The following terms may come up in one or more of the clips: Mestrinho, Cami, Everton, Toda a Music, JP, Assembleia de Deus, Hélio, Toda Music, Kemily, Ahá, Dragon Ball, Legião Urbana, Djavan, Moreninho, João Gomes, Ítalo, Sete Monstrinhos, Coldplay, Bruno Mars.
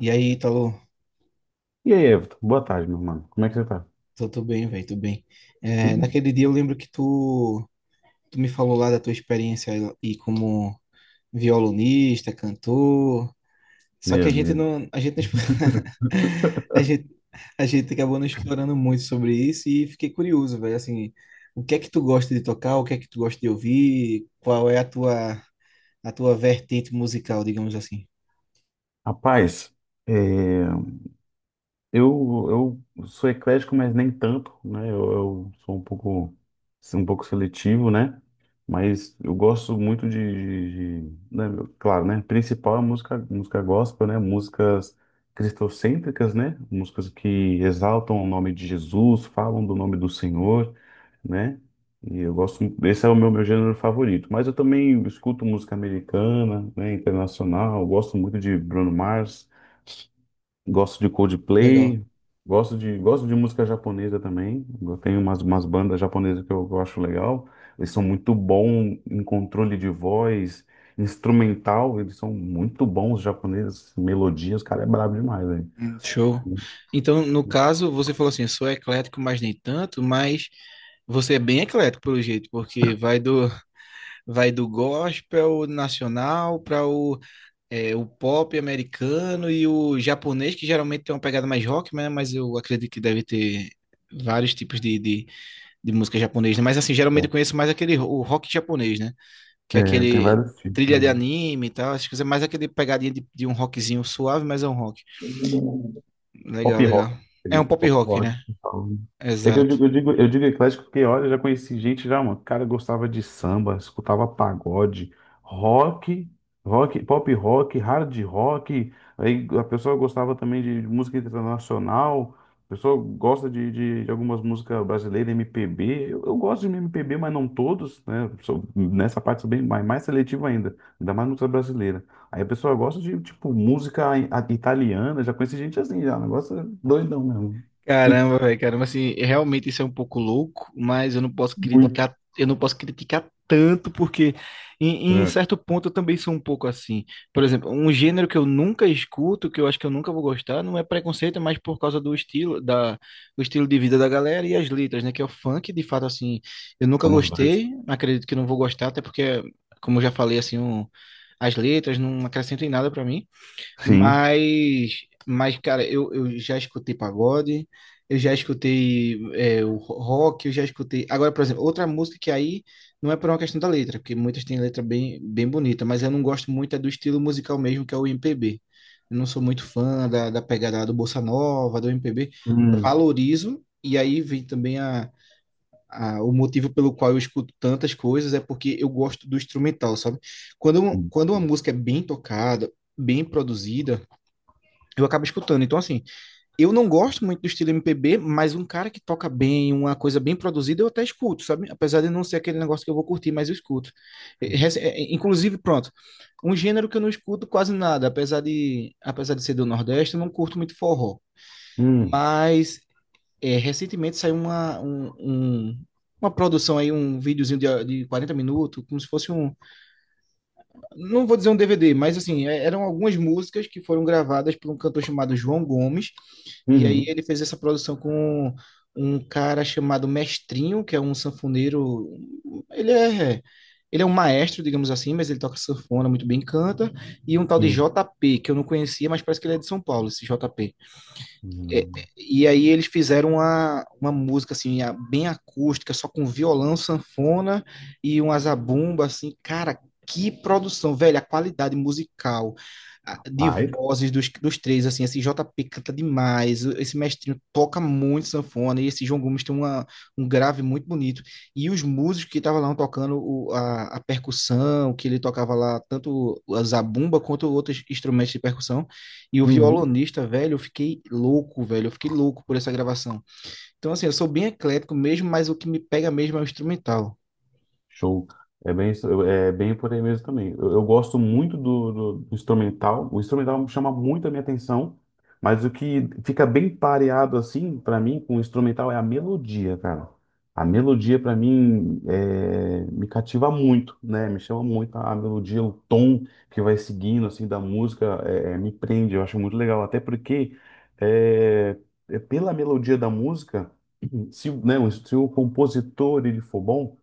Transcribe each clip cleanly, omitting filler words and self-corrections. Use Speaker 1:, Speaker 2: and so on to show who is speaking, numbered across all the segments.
Speaker 1: E aí, Ítalo,
Speaker 2: E aí, Everton? Boa tarde, meu mano. Como é que você tá?
Speaker 1: tô bem, velho, tô bem.
Speaker 2: Ih,
Speaker 1: Naquele dia eu lembro que tu me falou lá da tua experiência e como violonista, cantor. Só que
Speaker 2: Meu Deus.
Speaker 1: a gente não, explo- a gente, a gente acabou não explorando muito sobre isso e fiquei curioso, velho, assim, o que é que tu gosta de tocar, o que é que tu gosta de ouvir, qual é a tua vertente musical, digamos assim.
Speaker 2: Rapaz, é, eu sou eclético, mas nem tanto, né? Eu sou um pouco seletivo, né? Mas eu gosto muito né? Claro, né? Principal é música, música gospel, né? Músicas cristocêntricas, né? Músicas que exaltam o nome de Jesus, falam do nome do Senhor, né? E eu gosto, esse é o meu, meu gênero favorito. Mas eu também escuto música americana, né? Internacional. Eu gosto muito de Bruno Mars. Gosto de
Speaker 1: Legal.
Speaker 2: Coldplay, gosto de música japonesa também. Eu tenho umas, umas bandas japonesas que eu acho legal. Eles são muito bons em controle de voz, instrumental, eles são muito bons, os japoneses, melodias, o cara é brabo demais, velho.
Speaker 1: Hum. Show. Então, no caso, você falou assim, eu sou eclético, mas nem tanto, mas você é bem eclético pelo jeito, porque vai do vai do gospel nacional para o pop americano e o japonês, que geralmente tem uma pegada mais rock, né? Mas eu acredito que deve ter vários tipos de música japonesa, né? Mas assim, geralmente eu conheço mais o rock japonês, né? Que é
Speaker 2: É, tem
Speaker 1: aquele
Speaker 2: vários tipos,
Speaker 1: trilha de
Speaker 2: mano.
Speaker 1: anime e tal, acho que é mais aquele pegadinha de um rockzinho suave, mas é um rock.
Speaker 2: Pop
Speaker 1: Legal, legal.
Speaker 2: rock,
Speaker 1: É um
Speaker 2: entendeu?
Speaker 1: pop
Speaker 2: Pop
Speaker 1: rock,
Speaker 2: rock,
Speaker 1: né?
Speaker 2: então. É que eu
Speaker 1: Exato.
Speaker 2: digo, eu digo, eu digo eclético porque, olha, eu já conheci gente já, mano. O cara gostava de samba, escutava pagode, rock, rock, pop rock, hard rock. Aí a pessoa gostava também de música internacional. A pessoa gosta de algumas músicas brasileiras, MPB. Eu gosto de MPB, mas não todos, né? Sou- nessa parte sou bem mais, mais seletivo ainda. Ainda mais música brasileira. Aí a pessoa gosta de, tipo, música i- a- italiana, já conheci gente assim, já, o negócio é doidão mesmo.
Speaker 1: Caramba, velho, caramba, assim, realmente isso é um pouco louco, mas eu não posso
Speaker 2: Muito.
Speaker 1: criticar, eu não posso criticar tanto, porque em
Speaker 2: É,
Speaker 1: certo ponto eu também sou um pouco assim. Por exemplo, um gênero que eu nunca escuto, que eu acho que eu nunca vou gostar, não é preconceito, mas por causa do do estilo de vida da galera e as letras, né? Que é o funk, de fato, assim, eu nunca
Speaker 2: somos dois.
Speaker 1: gostei, acredito que não vou gostar, até porque, como eu já falei, as letras não acrescentam em nada pra mim.
Speaker 2: Sim.
Speaker 1: Mas, mas cara, eu já escutei pagode, eu já escutei o rock, eu já escutei. Agora, por exemplo, outra música que aí não é por uma questão da letra, porque muitas têm letra bem bonita, mas eu não gosto muito é do estilo musical mesmo, que é o MPB. Eu não sou muito fã da pegada do Bossa Nova, do MPB.
Speaker 2: Hum.
Speaker 1: Valorizo, e aí vem também o motivo pelo qual eu escuto tantas coisas, é porque eu gosto do instrumental, sabe? Quando uma música é bem tocada, bem produzida, eu acabo escutando. Então, assim, eu não gosto muito do estilo MPB, mas um cara que toca bem, uma coisa bem produzida, eu até escuto, sabe? Apesar de não ser aquele negócio que eu vou curtir, mas eu escuto. Inclusive, pronto, um gênero que eu não escuto quase nada, apesar de ser do Nordeste, eu não curto muito forró.
Speaker 2: Hum.
Speaker 1: Mas recentemente saiu uma produção aí, um videozinho de 40 minutos, como se fosse um, não vou dizer um DVD, mas assim, eram algumas músicas que foram gravadas por um cantor chamado João Gomes, e aí
Speaker 2: Uhum.
Speaker 1: ele fez essa produção com um cara chamado Mestrinho, que é um sanfoneiro, ele é ele é um maestro, digamos assim, mas ele toca sanfona muito bem, canta, e um tal de
Speaker 2: Sim.
Speaker 1: JP, que eu não conhecia, mas parece que ele é de São Paulo, esse JP é, é,
Speaker 2: Hum.
Speaker 1: e aí eles fizeram uma música assim, bem acústica, só com violão, sanfona e uma zabumba, assim, cara, que produção, velho, a qualidade musical de
Speaker 2: Ai.
Speaker 1: vozes dos, dos três, assim, esse JP canta demais, esse mestrinho toca muito sanfona, e esse João Gomes tem um grave muito bonito, e os músicos que estavam lá tocando a percussão, que ele tocava lá, tanto a zabumba quanto outros instrumentos de percussão, e o violonista, velho, eu fiquei louco, velho. Eu fiquei louco por essa gravação. Então, assim, eu sou bem eclético mesmo, mas o que me pega mesmo é o instrumental.
Speaker 2: Show. É bem, isso- é bem por aí mesmo também. Eu gosto muito do instrumental. O instrumental chama muito a minha atenção, mas o que fica bem pareado assim para mim com o instrumental é a melodia, cara. A melodia para mim é, me cativa muito, né? Me chama muito a melodia, o tom que vai seguindo assim da música me prende. Eu acho muito legal, até porque é, é pela melodia da música, se, o- né, se o compositor ele for bom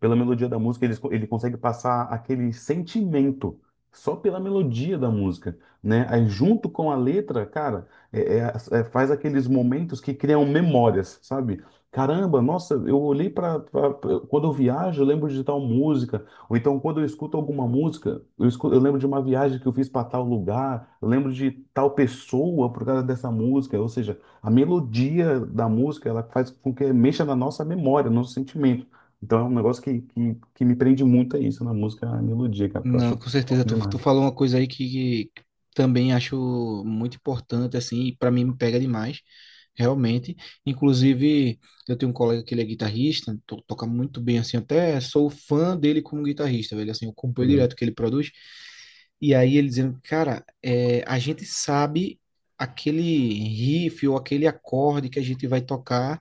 Speaker 2: pela melodia da música, ele consegue passar aquele sentimento só pela melodia da música, né? Aí junto com a letra, cara, faz aqueles momentos que criam memórias, sabe? Caramba, nossa, eu olhei para quando eu viajo, eu lembro de tal música, ou então quando eu escuto alguma música, eu, escu- eu lembro de uma viagem que eu fiz para tal lugar, eu lembro de tal pessoa por causa dessa música, ou seja, a melodia da música, ela faz com que mexa na nossa memória, no nosso sentimento. Então é um negócio que me prende muito a isso na música, a melodia, cara, que eu
Speaker 1: Não,
Speaker 2: acho
Speaker 1: com certeza.
Speaker 2: top
Speaker 1: Tu
Speaker 2: demais.
Speaker 1: falou uma coisa aí que também acho muito importante, assim, e para mim me pega demais, realmente. Inclusive, eu tenho um colega que ele é guitarrista, toca muito bem, assim, até sou fã dele como guitarrista, velho, assim, eu acompanho
Speaker 2: Sim.
Speaker 1: direto o que ele produz. E aí ele dizendo, cara, a gente sabe aquele riff ou aquele acorde que a gente vai tocar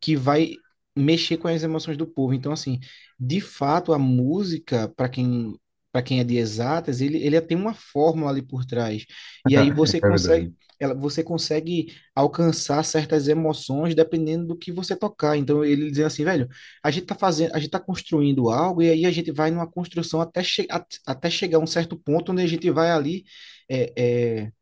Speaker 1: que vai mexer com as emoções do povo. Então, assim, de fato, a música, para quem é de exatas, ele tem uma fórmula ali por trás. E aí você
Speaker 2: É
Speaker 1: consegue,
Speaker 2: verdade.
Speaker 1: você consegue alcançar certas emoções dependendo do que você tocar. Então ele dizendo assim, velho, a gente tá fazendo, a gente tá construindo algo e aí a gente vai numa construção até chegar a um certo ponto onde a gente vai ali é, é,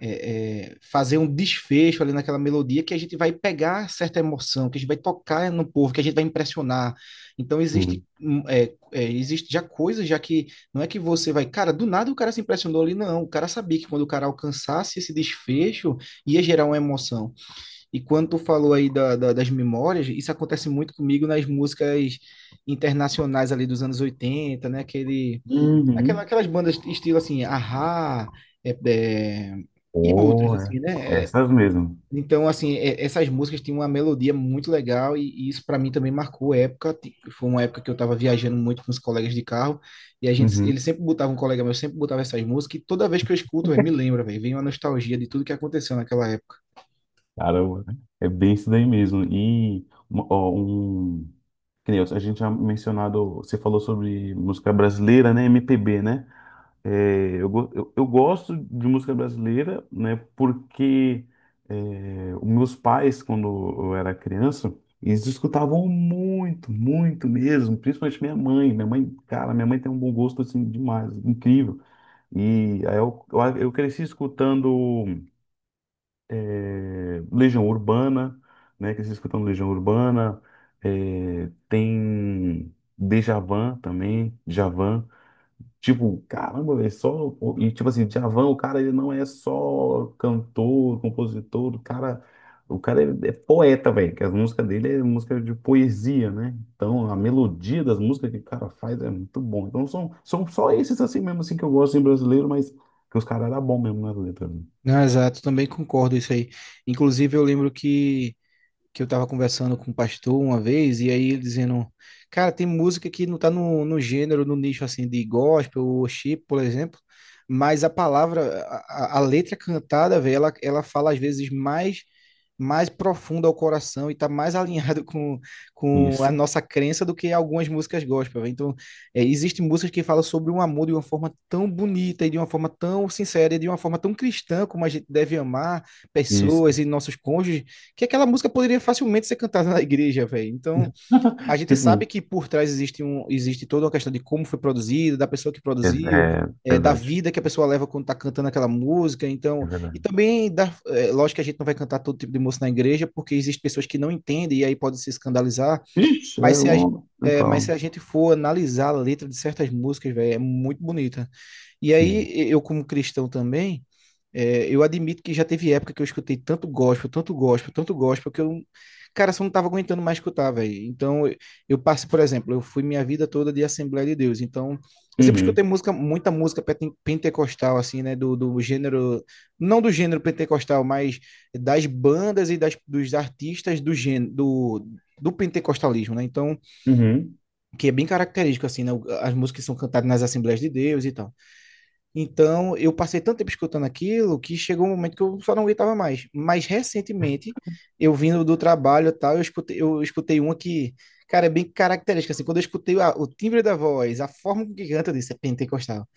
Speaker 1: fazer um desfecho ali naquela melodia que a gente vai pegar certa emoção, que a gente vai tocar no povo, que a gente vai impressionar. Então existe,
Speaker 2: Sim.
Speaker 1: existe já coisas já que não é que você vai, cara, do nada o cara se impressionou ali, não. O cara sabia que quando o cara alcançasse esse desfecho ia gerar uma emoção. E quando tu falou aí das memórias, isso acontece muito comigo nas músicas internacionais ali dos anos oitenta, né? Aquele
Speaker 2: Uhum.
Speaker 1: aquelas bandas estilo assim, Ahá, é, é, e outras,
Speaker 2: Oh, é.
Speaker 1: assim, né? É.
Speaker 2: Essas mesmo.
Speaker 1: Então, assim, essas músicas tinham uma melodia muito legal e isso para mim também marcou época. Foi uma época que eu tava viajando muito com os colegas de carro e a gente,
Speaker 2: Uhum.
Speaker 1: ele sempre botava, um colega meu sempre botava essas músicas e toda vez que eu escuto, véi, me lembra, velho, vem uma nostalgia de tudo que aconteceu naquela época.
Speaker 2: Caramba, né? É bem isso daí mesmo. E uma- ó, um, que nem a gente já mencionado, você falou sobre música brasileira, né? MPB, né? É, eu gosto de música brasileira, né? Porque é, os meus pais, quando eu era criança, eles escutavam muito, muito mesmo, principalmente minha mãe. Minha mãe, cara, minha mãe tem um bom gosto assim demais, incrível. E aí eu cresci escutando é, Legião Urbana, né? Cresci escutando Legião Urbana, é, tem Djavan também, Djavan. Tipo, caramba, velho, só. E tipo assim, Djavan, o cara, ele não é só cantor, compositor, o cara. O cara é poeta, velho, que as músicas dele é música de poesia, né? Então, a melodia das músicas que o cara faz é muito bom. Então, são só esses assim mesmo, assim, que eu gosto em brasileiro, mas que os caras eram bons mesmo nas letras, né?
Speaker 1: Não, exato, também concordo isso aí. Inclusive, eu lembro que eu tava conversando com um pastor uma vez, e aí ele dizendo, cara, tem música que não tá no gênero, no nicho assim de gospel ou chip, por exemplo, mas a palavra, a letra cantada, velho, ela fala às vezes mais profunda ao coração e tá mais alinhado com a
Speaker 2: Isso,
Speaker 1: nossa crença do que algumas músicas gospel, velho. Então, é, existem músicas que falam sobre um amor de uma forma tão bonita e de uma forma tão sincera e de uma forma tão cristã como a gente deve amar
Speaker 2: isso.
Speaker 1: pessoas e nossos cônjuges que aquela música poderia facilmente ser cantada na igreja, velho. Então, a gente
Speaker 2: Tipo,
Speaker 1: sabe
Speaker 2: isso.
Speaker 1: que por trás existe toda uma questão de como foi produzida, da pessoa que
Speaker 2: é,
Speaker 1: produziu,
Speaker 2: é
Speaker 1: da
Speaker 2: verdade,
Speaker 1: vida que a pessoa leva quando tá cantando aquela música. Então,
Speaker 2: é
Speaker 1: e
Speaker 2: verdade.
Speaker 1: também, lógico que a gente não vai cantar todo tipo de música na igreja, porque existem pessoas que não entendem e aí podem se escandalizar.
Speaker 2: Ixi, é
Speaker 1: Mas se a, ge-
Speaker 2: longo.
Speaker 1: mas se
Speaker 2: Legal.
Speaker 1: a gente for analisar a letra de certas músicas, velho, é muito bonita. E
Speaker 2: Sim.
Speaker 1: aí, eu como cristão também eu admito que já teve época que eu escutei tanto gospel, tanto gospel, tanto gospel, que eu, não- cara, só não tava aguentando mais escutar, velho. Então, eu passo, por exemplo, eu fui minha vida toda de Assembleia de Deus. Então, eu sempre escutei
Speaker 2: Uhum,
Speaker 1: música, muita música pentecostal, assim, né? Do gênero, não do gênero pentecostal, mas das bandas dos artistas do gênero, do pentecostalismo, né? Então,
Speaker 2: uhum,
Speaker 1: que é bem característico, assim, né? As músicas que são cantadas nas Assembleias de Deus e tal. Então, eu passei tanto tempo escutando aquilo que chegou um momento que eu só não aguentava mais. Mas recentemente, eu vindo do trabalho e tal, eu escutei uma cara, é bem característica. Assim, quando eu escutei o timbre da voz, a forma com que canta, eu disse, é pentecostal.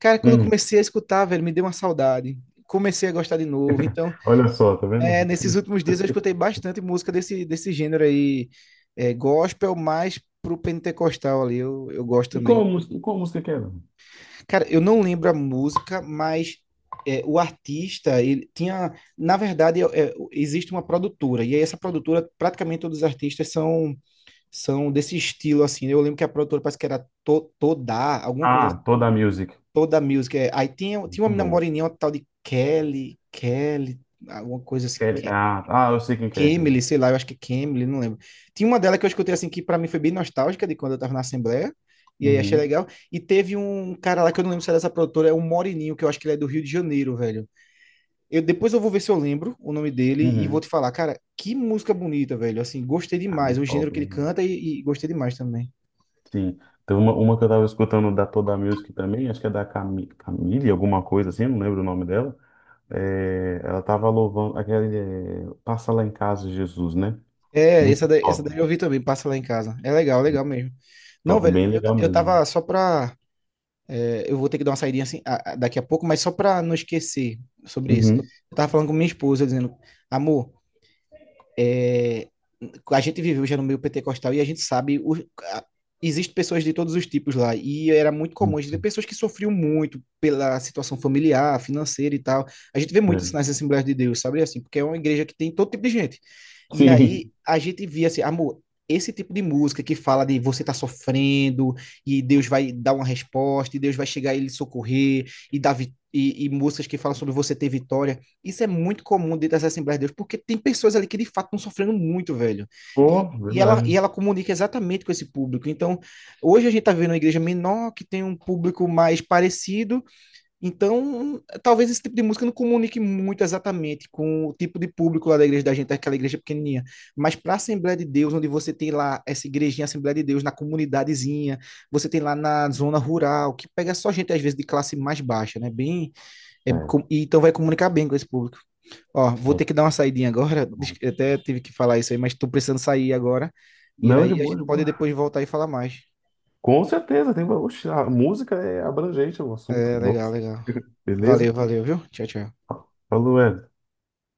Speaker 1: Cara, quando eu
Speaker 2: uhum.
Speaker 1: comecei a escutar, velho, me deu uma saudade. Comecei a gostar de novo. Então,
Speaker 2: Olha só, tá vendo?
Speaker 1: é, nesses últimos dias, eu escutei bastante música desse gênero aí, é, gospel, mais pro pentecostal ali. Eu gosto
Speaker 2: E
Speaker 1: também.
Speaker 2: qual música que era?
Speaker 1: Cara, eu não lembro a música, mas é, o artista, ele tinha. Na verdade, existe uma produtora, e aí essa produtora, praticamente todos os artistas são desse estilo, assim, né? Eu lembro que a produtora parece que era Toda, alguma coisa, assim,
Speaker 2: Ah, Toda a Music.
Speaker 1: Toda Music, é. Aí tinha uma
Speaker 2: Muito
Speaker 1: menina
Speaker 2: bom.
Speaker 1: moreninha, uma tal de Kelly, alguma coisa assim.
Speaker 2: Ele- Ah, ah, eu sei quem que é esse.
Speaker 1: Kemily,
Speaker 2: esse.
Speaker 1: sei lá, eu acho que é Kemily, não lembro. Tinha uma dela que eu escutei assim que pra mim foi bem nostálgica de quando eu tava na Assembleia, e aí achei
Speaker 2: Uhum,
Speaker 1: legal. E teve um cara lá que eu não lembro se era dessa produtora, é o Moreninho que eu acho que ele é do Rio de Janeiro, velho. Eu, depois eu vou ver se eu lembro o nome dele e vou
Speaker 2: uhum.
Speaker 1: te falar, cara, que música bonita, velho. Assim, gostei
Speaker 2: Ah,
Speaker 1: demais,
Speaker 2: muito
Speaker 1: o gênero
Speaker 2: top,
Speaker 1: que ele
Speaker 2: hein?
Speaker 1: canta e gostei demais também.
Speaker 2: Sim. Tem uma que eu tava escutando da Toda a Music também, acho que é da Cami, Camille, alguma coisa assim, eu não lembro o nome dela. É, ela tava louvando aquele é, Passa Lá em Casa, Jesus, né?
Speaker 1: É,
Speaker 2: Muito
Speaker 1: essa
Speaker 2: top.
Speaker 1: daí eu vi também, passa lá em casa. É legal, legal
Speaker 2: Muito
Speaker 1: mesmo. Não,
Speaker 2: top,
Speaker 1: velho,
Speaker 2: bem legal
Speaker 1: eu
Speaker 2: mesmo.
Speaker 1: tava só pra eu vou ter que dar uma saída assim, daqui a pouco, mas só para não esquecer sobre isso.
Speaker 2: Uhum.
Speaker 1: Eu tava falando com minha esposa, dizendo, amor, é, a gente viveu já no meio pentecostal e a gente sabe, a, existe pessoas de todos os tipos lá, e era muito comum a gente ver
Speaker 2: Isso.
Speaker 1: pessoas que sofriam muito pela situação familiar, financeira e tal. A gente vê muito isso
Speaker 2: É.
Speaker 1: nas Assembleias de Deus, sabe assim, porque é uma igreja que tem todo tipo de gente. E aí
Speaker 2: Sim.
Speaker 1: a gente via assim, amor, esse tipo de música que fala de você tá sofrendo e Deus vai dar uma resposta e Deus vai chegar e lhe socorrer e e músicas que falam sobre você ter vitória, isso é muito comum dentro das Assembleias de Deus, porque tem pessoas ali que de fato estão sofrendo muito, velho. E,
Speaker 2: Pô,
Speaker 1: e
Speaker 2: verdade.
Speaker 1: ela comunica exatamente com esse público. Então, hoje a gente está vendo uma igreja menor, que tem um público mais parecido. Então, talvez esse tipo de música não comunique muito exatamente com o tipo de público lá da igreja da gente, aquela igreja pequenininha. Mas para a Assembleia de Deus, onde você tem lá essa igrejinha, Assembleia de Deus, na comunidadezinha, você tem lá na zona rural, que pega só gente, às vezes, de classe mais baixa, né? Bem é com-
Speaker 2: É,
Speaker 1: e então vai comunicar bem com esse público. Ó, vou
Speaker 2: é.
Speaker 1: ter que dar uma saidinha agora. Até tive que falar isso aí, mas estou precisando sair agora. E
Speaker 2: Não, de
Speaker 1: aí a
Speaker 2: boa,
Speaker 1: gente
Speaker 2: de
Speaker 1: pode
Speaker 2: boa.
Speaker 1: depois voltar e falar mais.
Speaker 2: Com certeza, tem. Oxe, a música é abrangente o assunto.
Speaker 1: É,
Speaker 2: Bom,
Speaker 1: legal, legal.
Speaker 2: beleza?
Speaker 1: Valeu, valeu, viu? Tchau, tchau.
Speaker 2: Falou, Hélio.